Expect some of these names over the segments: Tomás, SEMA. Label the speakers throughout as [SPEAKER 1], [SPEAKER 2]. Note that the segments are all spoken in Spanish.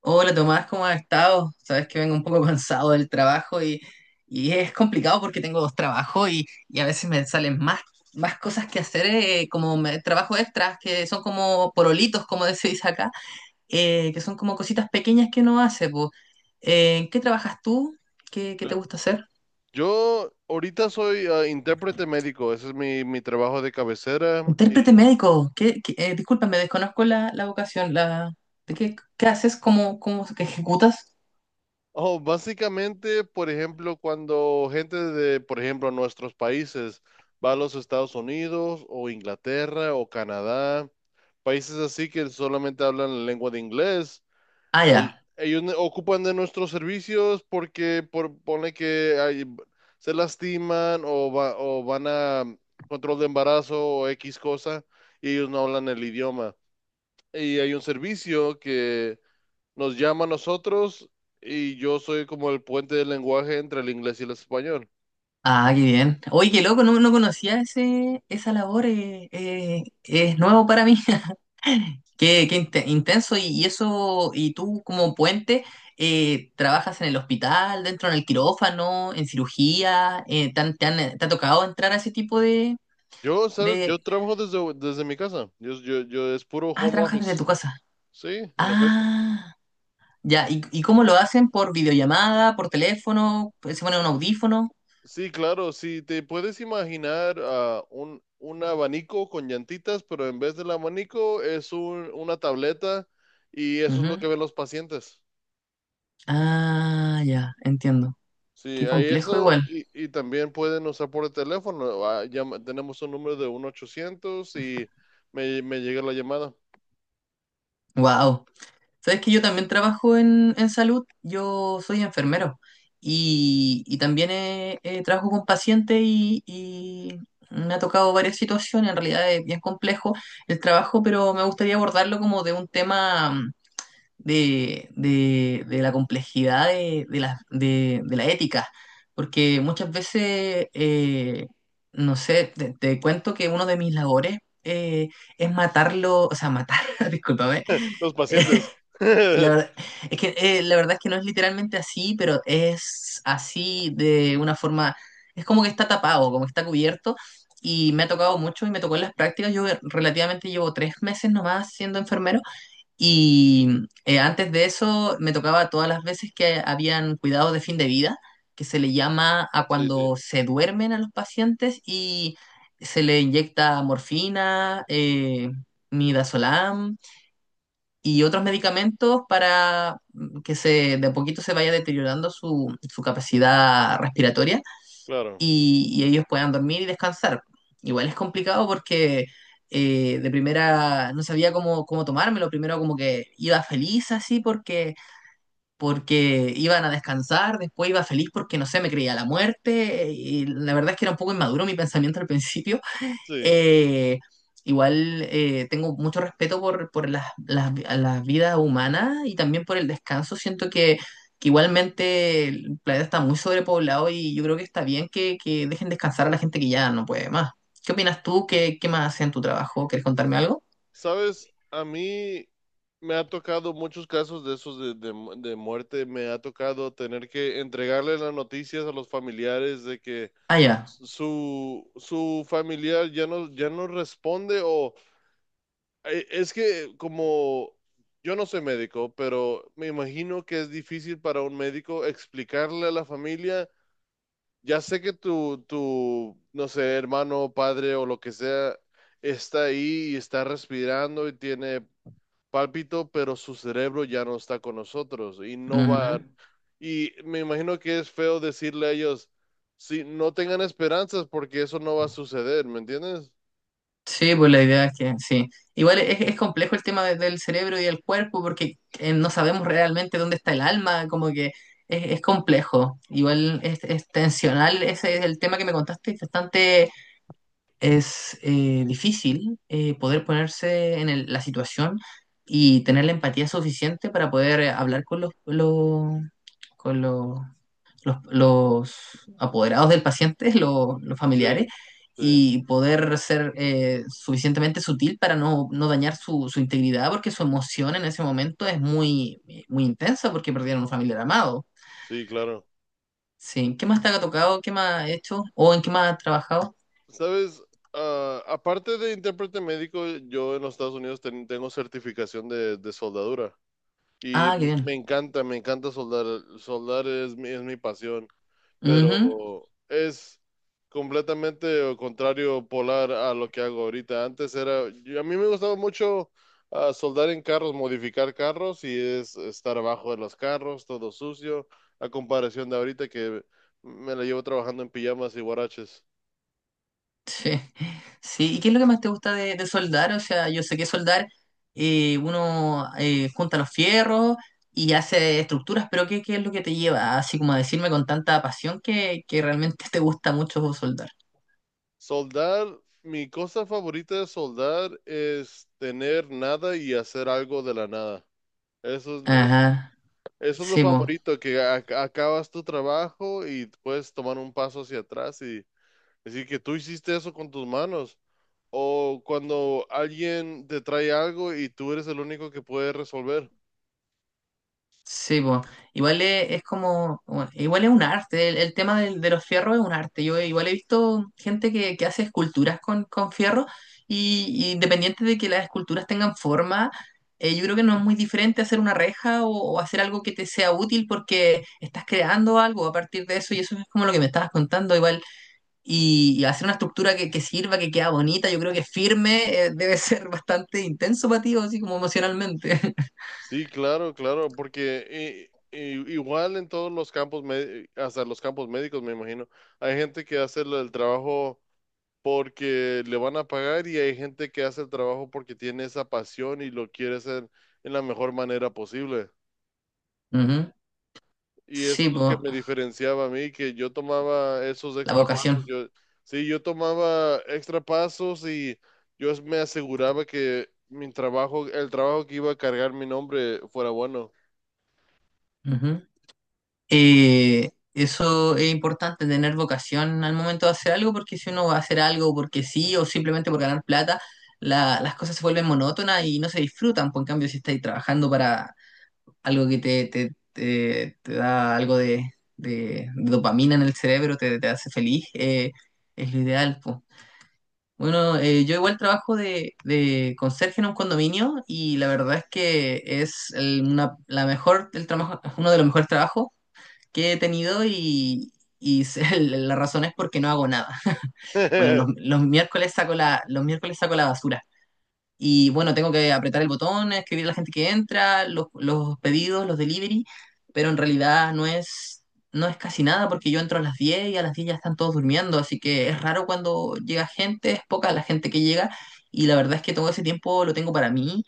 [SPEAKER 1] Hola Tomás, ¿cómo has estado? Sabes que vengo un poco cansado del trabajo y es complicado porque tengo dos trabajos y a veces me salen más cosas que hacer, trabajo extras, que son como porolitos, como se dice acá, que son como cositas pequeñas que uno hace, po. ¿En qué trabajas tú? ¿Qué te
[SPEAKER 2] Eh,
[SPEAKER 1] gusta hacer?
[SPEAKER 2] Yo ahorita soy intérprete médico, ese es mi trabajo de cabecera.
[SPEAKER 1] Intérprete médico. ¿ Disculpa, me desconozco la vocación. ¿Qué haces? ¿Cómo ejecutas?
[SPEAKER 2] Básicamente, por ejemplo, cuando gente por ejemplo, nuestros países va a los Estados Unidos o Inglaterra o Canadá, países así que solamente hablan la lengua de inglés.
[SPEAKER 1] Ah, ya.
[SPEAKER 2] Ocupan de nuestros servicios porque pone que se lastiman o van a control de embarazo o X cosa y ellos no hablan el idioma. Y hay un servicio que nos llama a nosotros, y yo soy como el puente del lenguaje entre el inglés y el español.
[SPEAKER 1] Ah, qué bien. Oye, qué loco, no conocía esa labor, es nuevo para mí. Qué intenso, y eso, y tú como puente, trabajas en el hospital, dentro del quirófano, en cirugía. ¿Te ha tocado entrar a ese tipo de,
[SPEAKER 2] ¿Sabes? Yo
[SPEAKER 1] de...
[SPEAKER 2] trabajo desde mi casa. Yo es puro
[SPEAKER 1] Ah,
[SPEAKER 2] home
[SPEAKER 1] trabajas desde
[SPEAKER 2] office.
[SPEAKER 1] tu casa.
[SPEAKER 2] Sí, en efecto.
[SPEAKER 1] Ah, ya. ¿Y cómo lo hacen? ¿Por videollamada, por teléfono? ¿Se pone un audífono?
[SPEAKER 2] Sí, claro. Si te puedes imaginar un abanico con llantitas, pero en vez del abanico es una tableta, y eso es lo
[SPEAKER 1] Ujú.
[SPEAKER 2] que ven los pacientes.
[SPEAKER 1] Ah, ya, entiendo.
[SPEAKER 2] Sí,
[SPEAKER 1] Qué
[SPEAKER 2] hay
[SPEAKER 1] complejo
[SPEAKER 2] eso,
[SPEAKER 1] igual.
[SPEAKER 2] y también pueden usar por el teléfono. Tenemos un número de 1-800 y me llega la llamada.
[SPEAKER 1] Wow. Sabes que yo también trabajo en salud, yo soy enfermero y también trabajo con pacientes y me ha tocado varias situaciones, en realidad es bien complejo el trabajo, pero me gustaría abordarlo como de un tema, de la complejidad de la ética, porque muchas veces, no sé, te cuento que uno de mis labores eh, es matarlo, o sea, matar, discúlpame.
[SPEAKER 2] Los pacientes.
[SPEAKER 1] La verdad, la verdad es que no es literalmente así, pero es así de una forma, es como que está tapado, como que está cubierto, y me ha tocado mucho y me tocó en las prácticas, yo relativamente llevo 3 meses nomás siendo enfermero, y antes de eso me tocaba todas las veces que habían cuidados de fin de vida, que se le llama a
[SPEAKER 2] Sí, sí,
[SPEAKER 1] cuando se duermen a los pacientes y se le inyecta morfina, midazolam y otros medicamentos para que se de a poquito se vaya deteriorando su capacidad respiratoria
[SPEAKER 2] claro,
[SPEAKER 1] y ellos puedan dormir y descansar. Igual es complicado porque de primera no sabía cómo tomármelo, primero como que iba feliz así porque iban a descansar, después iba feliz porque no sé, me creía la muerte y la verdad es que era un poco inmaduro mi pensamiento al principio,
[SPEAKER 2] sí.
[SPEAKER 1] eh, igual, tengo mucho respeto por las vidas humanas y también por el descanso. Siento que igualmente el planeta está muy sobrepoblado y yo creo que está bien que dejen descansar a la gente que ya no puede más. ¿Qué opinas tú? ¿Qué más hace en tu trabajo? ¿Quieres contarme algo?
[SPEAKER 2] Sabes, a mí me ha tocado muchos casos de esos de muerte. Me ha tocado tener que entregarle las noticias a los familiares de que
[SPEAKER 1] Ah, ya.
[SPEAKER 2] su familiar ya no responde, o es que como yo no soy médico, pero me imagino que es difícil para un médico explicarle a la familia, ya sé que no sé, hermano, padre o lo que sea, está ahí y está respirando y tiene pálpito, pero su cerebro ya no está con nosotros y no
[SPEAKER 1] Ujú.
[SPEAKER 2] va. Y me imagino que es feo decirle a ellos, si no, tengan esperanzas porque eso no va a suceder, ¿me entiendes?
[SPEAKER 1] Sí, pues la idea es que sí. Igual es complejo el tema del cerebro y del cuerpo porque no sabemos realmente dónde está el alma, como que es complejo. Igual es tensional, ese es el tema que me contaste, es bastante, difícil poder ponerse en la situación y tener la empatía suficiente para poder hablar con los apoderados del paciente, los
[SPEAKER 2] Sí,
[SPEAKER 1] familiares,
[SPEAKER 2] sí,
[SPEAKER 1] y poder ser suficientemente sutil para no dañar su integridad, porque su emoción en ese momento es muy, muy intensa porque perdieron un familiar amado.
[SPEAKER 2] sí, claro.
[SPEAKER 1] Sí, ¿qué más te ha tocado? ¿Qué más ha hecho? ¿O en qué más ha trabajado?
[SPEAKER 2] ¿Sabes? Ah, aparte de intérprete médico, yo en los Estados Unidos tengo certificación de soldadura, y
[SPEAKER 1] Ah, qué bien.
[SPEAKER 2] me encanta soldar. Soldar es es mi pasión.
[SPEAKER 1] Ujú.
[SPEAKER 2] Pero es completamente contrario polar a lo que hago ahorita. Antes era, a mí me gustaba mucho soldar en carros, modificar carros, y es estar abajo de los carros, todo sucio, a comparación de ahorita que me la llevo trabajando en pijamas y guaraches.
[SPEAKER 1] Sí, sí. ¿Y qué es lo que más te gusta de soldar? O sea, yo sé que soldar uno junta los fierros y hace estructuras, pero ¿qué es lo que te lleva así como a decirme con tanta pasión que realmente te gusta mucho soldar?
[SPEAKER 2] Soldar, mi cosa favorita de soldar es tener nada y hacer algo de la nada. Eso
[SPEAKER 1] Ajá,
[SPEAKER 2] Eso es lo
[SPEAKER 1] sí, pues.
[SPEAKER 2] favorito, que acabas tu trabajo y puedes tomar un paso hacia atrás y decir que tú hiciste eso con tus manos. O cuando alguien te trae algo y tú eres el único que puede resolver.
[SPEAKER 1] Sí, po. Igual es como, bueno, igual es un arte, el tema los fierros es un arte. Yo igual he visto gente que hace esculturas con fierro y independiente de que las esculturas tengan forma, yo creo que no es muy diferente hacer una reja o hacer algo que te sea útil porque estás creando algo a partir de eso y eso es como lo que me estabas contando igual. Y hacer una estructura que sirva, que queda bonita, yo creo que firme, debe ser bastante intenso para ti, o así como emocionalmente.
[SPEAKER 2] Sí, claro, claro, porque igual en todos los campos, hasta los campos médicos, me imagino, hay gente que hace el trabajo porque le van a pagar, y hay gente que hace el trabajo porque tiene esa pasión y lo quiere hacer en la mejor manera posible.
[SPEAKER 1] Ujú.
[SPEAKER 2] Y eso
[SPEAKER 1] Sí,
[SPEAKER 2] es lo que
[SPEAKER 1] pues.
[SPEAKER 2] me diferenciaba a mí, que yo tomaba esos
[SPEAKER 1] La
[SPEAKER 2] extra pasos.
[SPEAKER 1] vocación.
[SPEAKER 2] Yo tomaba extra pasos, y yo me aseguraba que mi trabajo, el trabajo que iba a cargar mi nombre, fuera bueno.
[SPEAKER 1] Ujú. Eso es importante, tener vocación al momento de hacer algo, porque si uno va a hacer algo porque sí o simplemente por ganar plata, las cosas se vuelven monótonas y no se disfrutan. Por en cambio, si estáis trabajando para algo que te da algo de dopamina en el cerebro, te hace feliz, es lo ideal, po. Bueno, yo igual trabajo de conserje en un condominio y la verdad es que es el- una, la mejor, el trabajo, uno de los mejores trabajos que he tenido, y la razón es porque no hago nada. Bueno, los, los miércoles saco la basura. Y bueno, tengo que apretar el botón, escribir a la gente que entra, los pedidos, los delivery, pero en realidad no es casi nada porque yo entro a las 10 y a las 10 ya están todos durmiendo, así que es raro cuando llega gente, es poca la gente que llega y la verdad es que todo ese tiempo lo tengo para mí.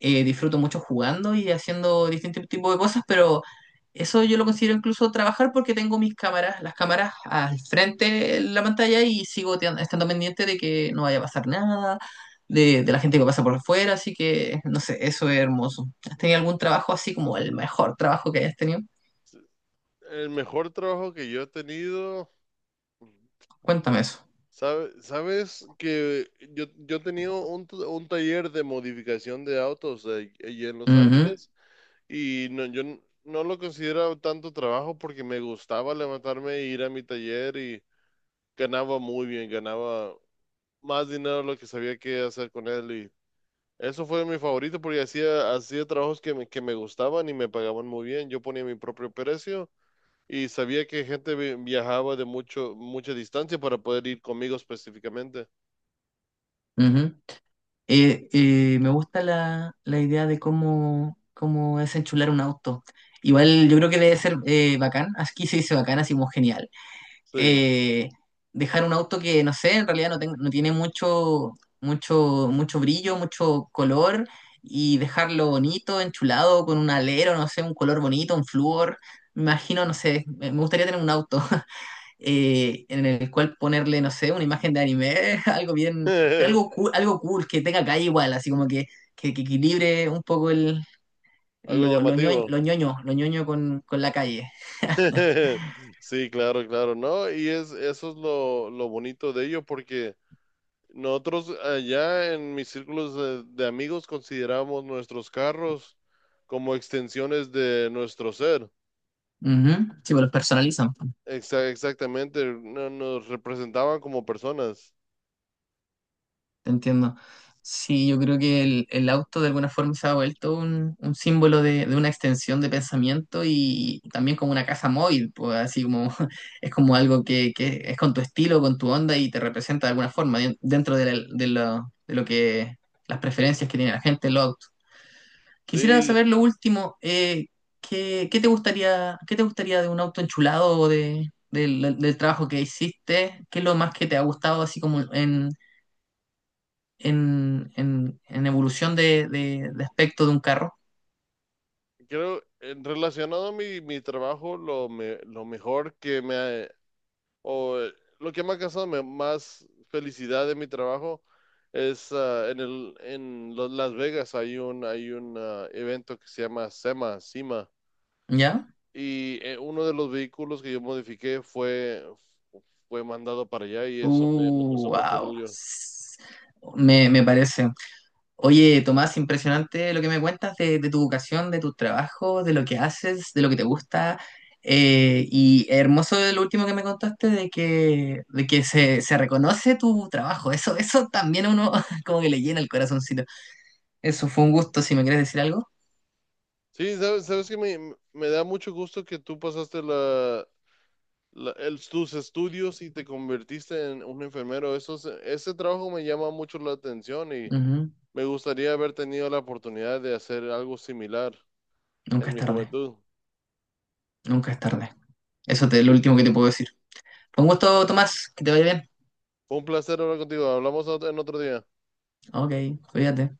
[SPEAKER 1] Disfruto mucho jugando y haciendo distintos tipos de cosas, pero eso yo lo considero incluso trabajar porque tengo mis cámaras, las cámaras al frente de la pantalla y sigo estando pendiente de que no vaya a pasar nada, de la gente que pasa por afuera, así que no sé, eso es hermoso. ¿Has tenido algún trabajo así como el mejor trabajo que hayas tenido?
[SPEAKER 2] El mejor trabajo que yo he tenido,
[SPEAKER 1] Cuéntame eso.
[SPEAKER 2] sabes que yo he tenido un, un taller de modificación de autos allí en Los
[SPEAKER 1] Ujú,
[SPEAKER 2] Ángeles, y no, yo no lo consideraba tanto trabajo porque me gustaba levantarme e ir a mi taller, y ganaba muy bien, ganaba más dinero de lo que sabía que hacer con él. Y eso fue mi favorito porque hacía, hacía trabajos que que me gustaban y me pagaban muy bien. Yo ponía mi propio precio y sabía que gente viajaba de mucho, mucha distancia para poder ir conmigo específicamente.
[SPEAKER 1] ujú. Me gusta la idea de cómo es enchular un auto. Igual yo creo que debe ser bacán, aquí se dice bacán, así como genial.
[SPEAKER 2] Sí,
[SPEAKER 1] Eh, dejar un auto que, no sé, en realidad no tiene mucho, mucho, mucho brillo, mucho color, y dejarlo bonito, enchulado, con un alero, no sé, un color bonito, un flúor. Me imagino, no sé, me gustaría tener un auto. En el cual ponerle, no sé, una imagen de anime, algo bien, pero algo cool, que tenga calle igual, así como que, que equilibre un poco el,
[SPEAKER 2] algo
[SPEAKER 1] lo, ñoño,
[SPEAKER 2] llamativo.
[SPEAKER 1] lo ñoño, lo ñoño con la calle.
[SPEAKER 2] Sí, claro, claro, ¿no? Y es, eso es lo bonito de ello porque... Nosotros allá en mis círculos de amigos consideramos nuestros carros como extensiones de nuestro ser.
[SPEAKER 1] Ujú. Sí, pues los personalizan.
[SPEAKER 2] Exactamente, nos representaban como personas.
[SPEAKER 1] Entiendo. Sí, yo creo que el auto de alguna forma se ha vuelto un símbolo de una extensión de pensamiento y también como una casa móvil, pues así como es como algo que es con tu estilo, con tu onda y te representa de alguna forma dentro de, la- de lo que las preferencias que tiene la gente en los autos. Quisiera
[SPEAKER 2] Sí,
[SPEAKER 1] saber lo último. ¿Qué te gustaría de un auto enchulado o de, del del trabajo que hiciste? ¿Qué es lo más que te ha gustado así como en en evolución de aspecto de un carro,
[SPEAKER 2] creo, relacionado a mi trabajo, lo mejor que me ha, o lo que me ha causado más felicidad de mi trabajo es en Las Vegas hay hay un evento que se llama SEMA.
[SPEAKER 1] ¿ya?
[SPEAKER 2] Y uno de los vehículos que yo modifiqué fue mandado para allá, y eso me, me causó mucho
[SPEAKER 1] Wow.
[SPEAKER 2] orgullo.
[SPEAKER 1] Me parece. Oye, Tomás, impresionante lo que me cuentas de tu vocación, de tus trabajos, de lo que haces, de lo que te gusta. Y hermoso lo último que me contaste de que se reconoce tu trabajo. Eso también a uno como que le llena el corazoncito. Eso fue un gusto, si me quieres decir algo.
[SPEAKER 2] Sí, sabes, sabes que me da mucho gusto que tú pasaste tus estudios y te convertiste en un enfermero. Ese trabajo me llama mucho la atención, y
[SPEAKER 1] Ujú.
[SPEAKER 2] me gustaría haber tenido la oportunidad de hacer algo similar
[SPEAKER 1] Nunca
[SPEAKER 2] en
[SPEAKER 1] es
[SPEAKER 2] mi
[SPEAKER 1] tarde,
[SPEAKER 2] juventud.
[SPEAKER 1] nunca es tarde. Eso es lo último que te puedo decir. Fue un gusto, Tomás, que te vaya bien.
[SPEAKER 2] Fue un placer hablar contigo. Hablamos en otro día.
[SPEAKER 1] Ok, cuídate.